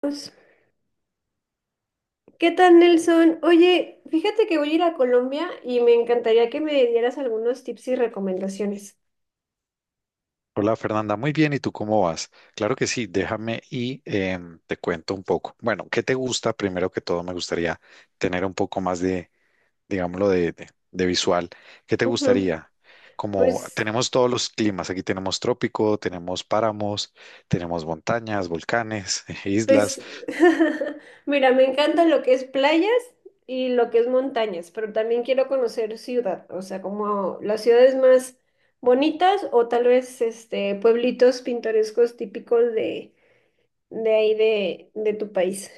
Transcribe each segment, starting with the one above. Pues, ¿qué tal, Nelson? Oye, fíjate que voy a ir a Colombia y me encantaría que me dieras algunos tips y recomendaciones. Hola Fernanda, muy bien, ¿y tú cómo vas? Claro que sí, déjame y te cuento un poco. Bueno, ¿qué te gusta? Primero que todo, me gustaría tener un poco más de, digámoslo, de visual. ¿Qué te Ujú. gustaría? Como Pues, tenemos todos los climas, aquí tenemos trópico, tenemos páramos, tenemos montañas, volcanes, islas. pues, mira, me encanta lo que es playas y lo que es montañas, pero también quiero conocer ciudad, o sea, como las ciudades más bonitas o tal vez este pueblitos pintorescos típicos de ahí de tu país.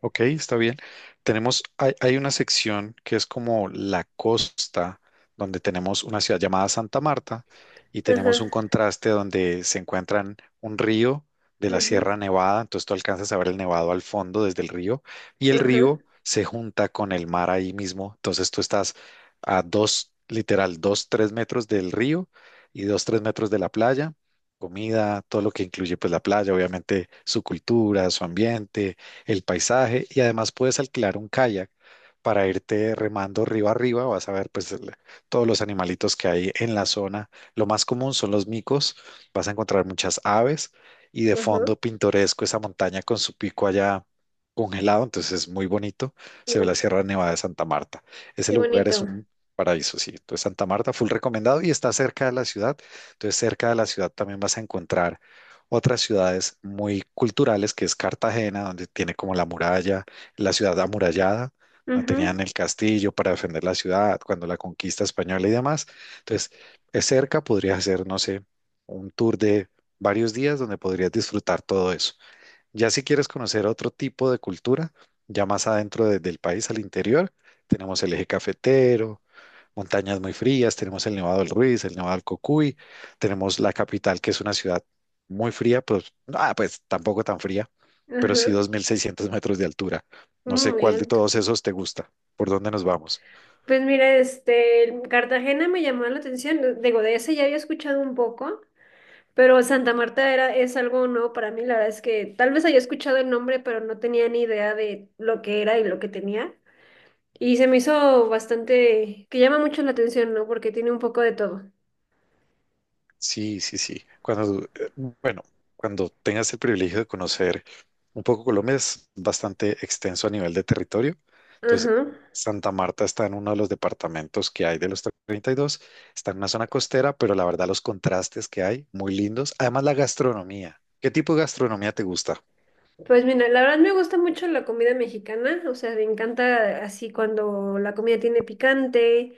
Ok, está bien. Hay una sección que es como la costa, donde tenemos una ciudad llamada Santa Marta y Ajá, tenemos un contraste donde se encuentran un río de la ajá, Sierra Nevada, entonces tú alcanzas a ver el nevado al fondo desde el río y el ajá, río se junta con el mar ahí mismo, entonces tú estás a dos, literal, dos, tres metros del río y dos, tres metros de la playa. Comida, todo lo que incluye pues la playa, obviamente su cultura, su ambiente, el paisaje y además puedes alquilar un kayak para irte remando río arriba, vas a ver pues todos los animalitos que hay en la zona. Lo más común son los micos, vas a encontrar muchas aves y de ajá. fondo pintoresco esa montaña con su pico allá congelado, entonces es muy bonito, se ve la Sierra Nevada de Santa Marta. Ese Qué lugar es bonito. un paraíso, sí. Entonces Santa Marta, full recomendado y está cerca de la ciudad, entonces cerca de la ciudad también vas a encontrar otras ciudades muy culturales, que es Cartagena, donde tiene como la muralla, la ciudad amurallada, donde tenían Ujú. el castillo para defender la ciudad cuando la conquista española y demás. Entonces, es cerca, podrías hacer, no sé, un tour de varios días donde podrías disfrutar todo eso. Ya si quieres conocer otro tipo de cultura, ya más adentro del país, al interior, tenemos el eje cafetero, montañas muy frías, tenemos el Nevado del Ruiz, el Nevado del Cocuy, tenemos la capital, que es una ciudad muy fría, pues, ah, pues tampoco tan fría, pero sí Ajá, 2.600 metros de altura. No sé muy cuál de alto. todos esos te gusta, por dónde nos vamos. Pues mira, este, Cartagena me llamó la atención, digo, de ese ya había escuchado un poco, pero Santa Marta era, es algo nuevo para mí, la verdad es que tal vez había escuchado el nombre, pero no tenía ni idea de lo que era y lo que tenía. Y se me hizo bastante, que llama mucho la atención, ¿no? Porque tiene un poco de todo. Sí, sí, sí. Cuando, bueno, cuando tengas el privilegio de conocer un poco Colombia, es bastante extenso a nivel de territorio. Entonces, Ajá. Santa Marta está en uno de los departamentos que hay de los 32. Está en una zona costera, pero la verdad los contrastes que hay, muy lindos. Además, la gastronomía. ¿Qué tipo de gastronomía te gusta? Pues mira, la verdad me gusta mucho la comida mexicana, o sea, me encanta así cuando la comida tiene picante.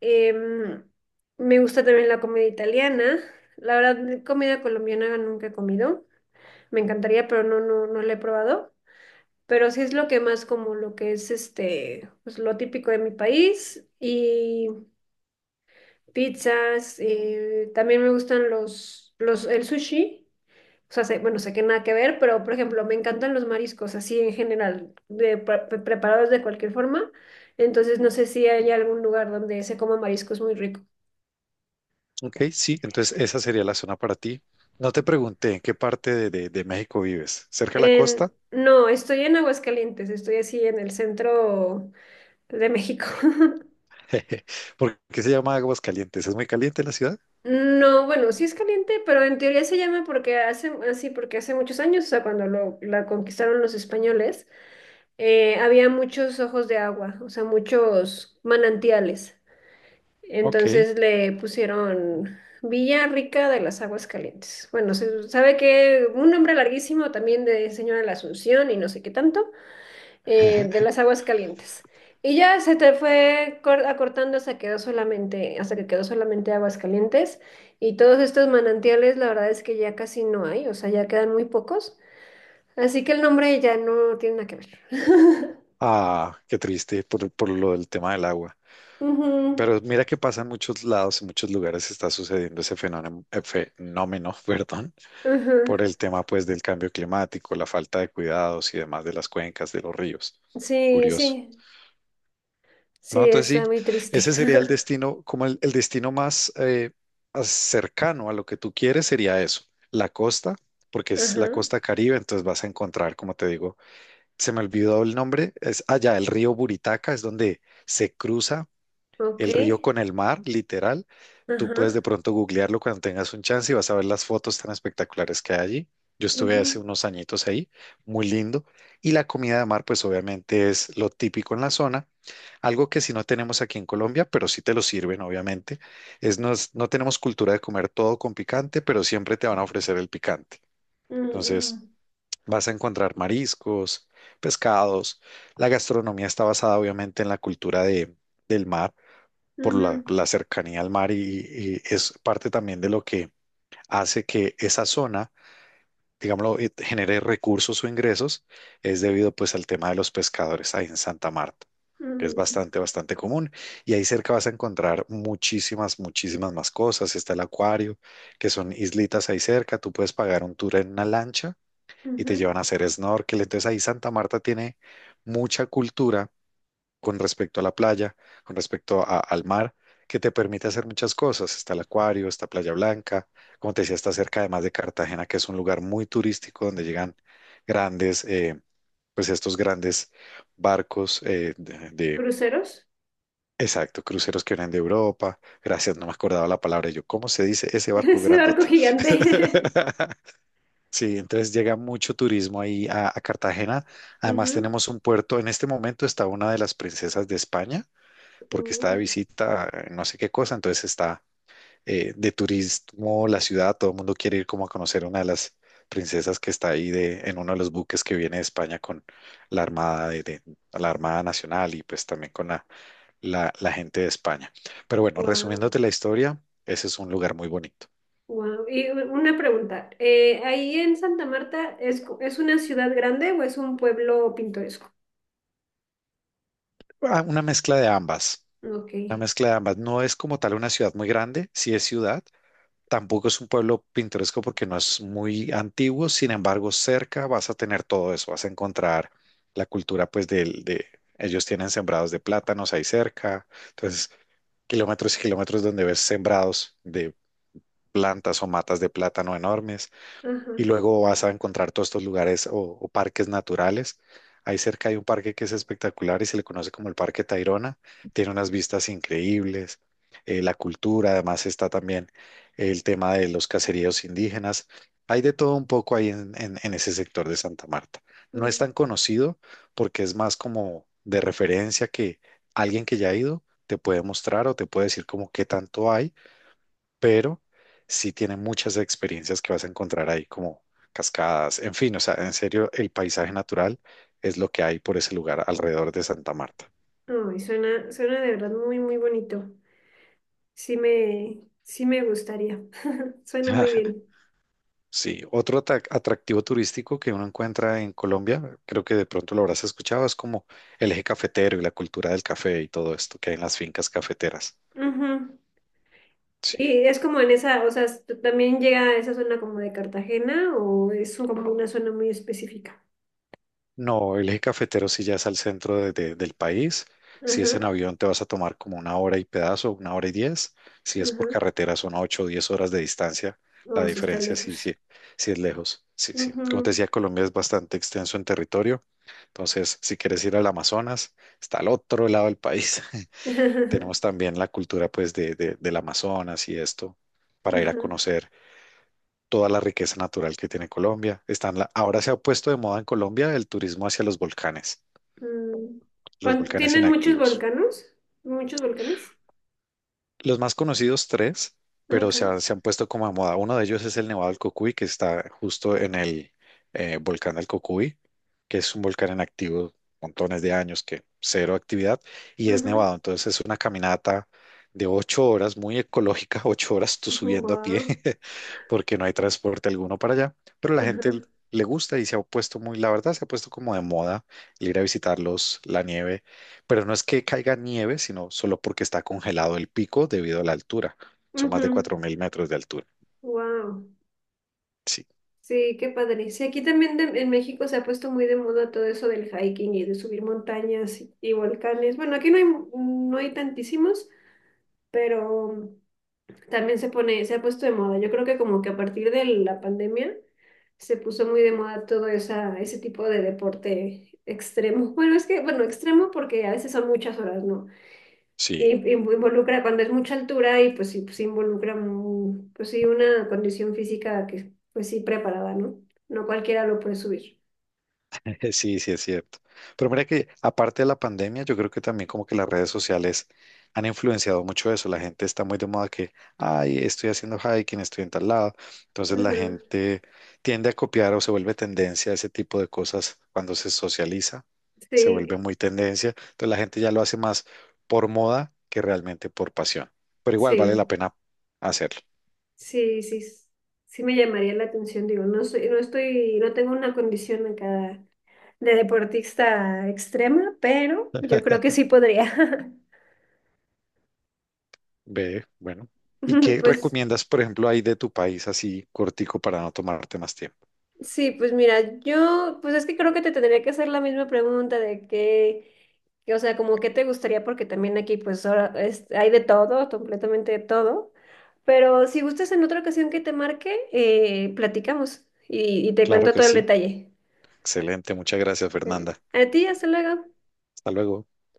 em, Me gusta también la comida italiana. La verdad, comida colombiana nunca he comido. Me encantaría, pero no, no, no la he probado. Pero sí es lo que más como lo que es este, pues lo típico de mi país y pizzas. También me gustan el sushi. O sea, bueno, sé que nada que ver, pero por ejemplo, me encantan los mariscos, así en general, de preparados de cualquier forma. Entonces, no sé si hay algún lugar donde se coma mariscos muy rico. Ok, sí, entonces esa sería la zona para ti. No te pregunté en qué parte de, de México vives. ¿Cerca de la costa? No, estoy en Aguascalientes, estoy así en el centro de México. ¿Por qué se llama Aguascalientes? ¿Es muy caliente la ciudad? No, bueno, sí es caliente, pero en teoría se llama porque hace, así porque hace muchos años, o sea, cuando lo, la conquistaron los españoles, había muchos ojos de agua, o sea, muchos manantiales. Ok. Entonces le pusieron Villa Rica de las Aguas Calientes. Bueno, se sabe que un nombre larguísimo también de Señora de la Asunción y no sé qué tanto, de las Aguas Calientes. Y ya se te fue acortando hasta quedó solamente, hasta que quedó solamente Aguas Calientes. Y todos estos manantiales, la verdad es que ya casi no hay, o sea, ya quedan muy pocos. Así que el nombre ya no tiene nada que ver. Ah, qué triste por, lo del tema del agua. Ujú, Pero mira que pasa en muchos lados, en muchos lugares está sucediendo ese fenómeno, fenómeno, perdón, ujú. por el tema pues del cambio climático, la falta de cuidados y demás de las cuencas, de los ríos. Sí, Curioso. sí, No, sí, entonces está sí, muy triste. ese sería el destino, como el destino más cercano a lo que tú quieres sería eso, la costa, porque es la Ajá, costa Caribe, entonces vas a encontrar, como te digo, se me olvidó el nombre, es allá el río Buritaca, es donde se cruza ok, el río con el mar, literal. Tú puedes ajá, de pronto googlearlo cuando tengas un chance y vas a ver las fotos tan espectaculares que hay allí. Yo estuve hace ujú, unos añitos ahí, muy lindo. Y la comida de mar, pues obviamente es lo típico en la zona. Algo que si no tenemos aquí en Colombia, pero sí te lo sirven, obviamente, es no tenemos cultura de comer todo con picante, pero siempre te van a ofrecer el picante. Entonces, mm, vas a encontrar mariscos, pescados. La gastronomía está basada obviamente en la cultura del mar, ujú, por la, ujú, la cercanía al mar y es parte también de lo que hace que esa zona, digámoslo, genere recursos o ingresos, es debido pues al tema de los pescadores ahí en Santa Marta. Es mm, bastante, bastante común. Y ahí cerca vas a encontrar muchísimas, muchísimas más cosas. Está el acuario, que son islitas ahí cerca. Tú puedes pagar un tour en una lancha y te ujú. llevan a hacer snorkel. Entonces ahí Santa Marta tiene mucha cultura con respecto a la playa, con respecto al mar, que te permite hacer muchas cosas. Está el acuario, está Playa Blanca, como te decía, está cerca además de Cartagena, que es un lugar muy turístico donde llegan grandes, pues estos grandes barcos ¿Cruceros? exacto, cruceros que vienen de Europa. Gracias, no me acordaba la palabra. Y yo, ¿cómo se dice ese barco Ese barco grandote? gigante. Sí, entonces llega mucho turismo ahí a Cartagena. Además Ujú. tenemos un puerto, en este momento está una de las princesas de España, porque está de Oh, visita, no sé qué cosa, entonces está de turismo la ciudad, todo el mundo quiere ir como a conocer una de las princesas que está ahí de, en uno de los buques que viene de España con la Armada, la Armada Nacional y pues también con la gente de España. Pero bueno, wow, resumiéndote la historia, ese es un lugar muy bonito. wow. Y una pregunta, ¿ahí en Santa Marta es, es una ciudad grande o es un pueblo pintoresco? Ah, una mezcla de ambas. Ok, Una mezcla de ambas. No es como tal una ciudad muy grande, sí es ciudad. Tampoco es un pueblo pintoresco porque no es muy antiguo. Sin embargo, cerca vas a tener todo eso. Vas a encontrar la cultura, pues, del, de ellos tienen sembrados de plátanos ahí cerca. Entonces, kilómetros y kilómetros donde ves sembrados de plantas o matas de plátano enormes y ajá. luego vas a encontrar todos estos lugares o parques naturales. Ahí cerca hay un parque que es espectacular y se le conoce como el Parque Tayrona. Tiene unas vistas increíbles, la cultura, además está también el tema de los caseríos indígenas. Hay de todo un poco ahí en, en ese sector de Santa Marta. No es Mm. tan conocido porque es más como de referencia que alguien que ya ha ido te puede mostrar o te puede decir como qué tanto hay pero sí tiene muchas experiencias que vas a encontrar ahí, como cascadas, en fin, o sea, en serio, el paisaje natural es lo que hay por ese lugar alrededor de Santa Marta. Ay, suena, suena de verdad muy, muy bonito. Sí me gustaría. Suena muy bien. Sí, otro atractivo turístico que uno encuentra en Colombia, creo que de pronto lo habrás escuchado, es como el eje cafetero y la cultura del café y todo esto que hay en las fincas cafeteras. Ujú. Sí. Y es como en esa, o sea, ¿tú también llega a esa zona como de Cartagena o es como una zona muy específica? No, el eje cafetero sí ya es al centro del país. Si es en Ajá, avión te vas a tomar como una hora y pedazo, una hora y diez. Si es ajá. por carretera son 8 o 10 horas de distancia. La Oh, sí está diferencia sí, sí, lejos. sí es lejos. Sí, sí. Como te Ujú. decía, Colombia es bastante extenso en territorio. Entonces, si quieres ir al Amazonas, está al otro lado del país. Tenemos también la cultura pues de, del Amazonas y esto para ir a Ajá. conocer toda la riqueza natural que tiene Colombia. Están ahora se ha puesto de moda en Colombia el turismo hacia Mm. los volcanes ¿Tienen muchos inactivos. volcanes? ¿Muchos volcanes? Los más conocidos tres, pero se Acá. han, se han puesto como a moda. Uno de ellos es el Nevado del Cocuy, que está justo en el volcán del Cocuy, que es un volcán inactivo montones de años, que cero actividad, y es Ujú. nevado. Entonces es una caminata de 8 horas, muy ecológica, ocho horas tú Ujú, subiendo a pie, wow. porque no hay transporte alguno para allá, pero la gente Ajá. le gusta y se ha puesto muy, la verdad, se ha puesto como de moda el ir a visitarlos, la nieve pero no es que caiga nieve, sino solo porque está congelado el pico debido a la altura. Son más de Ujú. 4.000 metros de altura. Wow. Sí, Sí, qué padre. Sí, aquí también en México se ha puesto muy de moda todo eso del hiking y de subir montañas y volcanes. Bueno, aquí no hay, no hay tantísimos, pero también se pone, se ha puesto de moda. Yo creo que como que a partir de la pandemia se puso muy de moda todo esa, ese tipo de deporte extremo. Bueno, es que, bueno, extremo porque a veces son muchas horas, ¿no? Sí. Y involucra, cuando es mucha altura y pues sí involucra, mm, pues sí, una condición física que pues sí preparada, ¿no? No cualquiera lo puede subir. Sí, sí, es cierto. Pero mira que aparte de la pandemia, yo creo que también como que las redes sociales han influenciado mucho eso. La gente está muy de moda que, ay, estoy haciendo hiking, estoy en tal lado. Entonces Ajá. la gente tiende a copiar o se vuelve tendencia a ese tipo de cosas cuando se socializa, se vuelve Sí, muy tendencia. Entonces la gente ya lo hace más por moda que realmente por pasión. Pero igual vale la sí, pena hacerlo. sí, sí, sí me llamaría la atención, digo, no soy, no estoy, no tengo una condición acá de deportista extrema, pero yo creo que sí podría. Ve, bueno. ¿Y qué Pues recomiendas, por ejemplo, ahí de tu país así cortico para no tomarte más tiempo? sí, pues mira, yo, pues es que creo que te tendría que hacer la misma pregunta de qué, o sea, como qué te gustaría, porque también aquí pues ahora hay de todo, completamente de todo, pero si gustas en otra ocasión que te marque, platicamos y te Claro cuento que todo el sí. detalle. Excelente. Muchas gracias, ¿Vale? Fernanda. A ti, hasta luego. Hasta luego.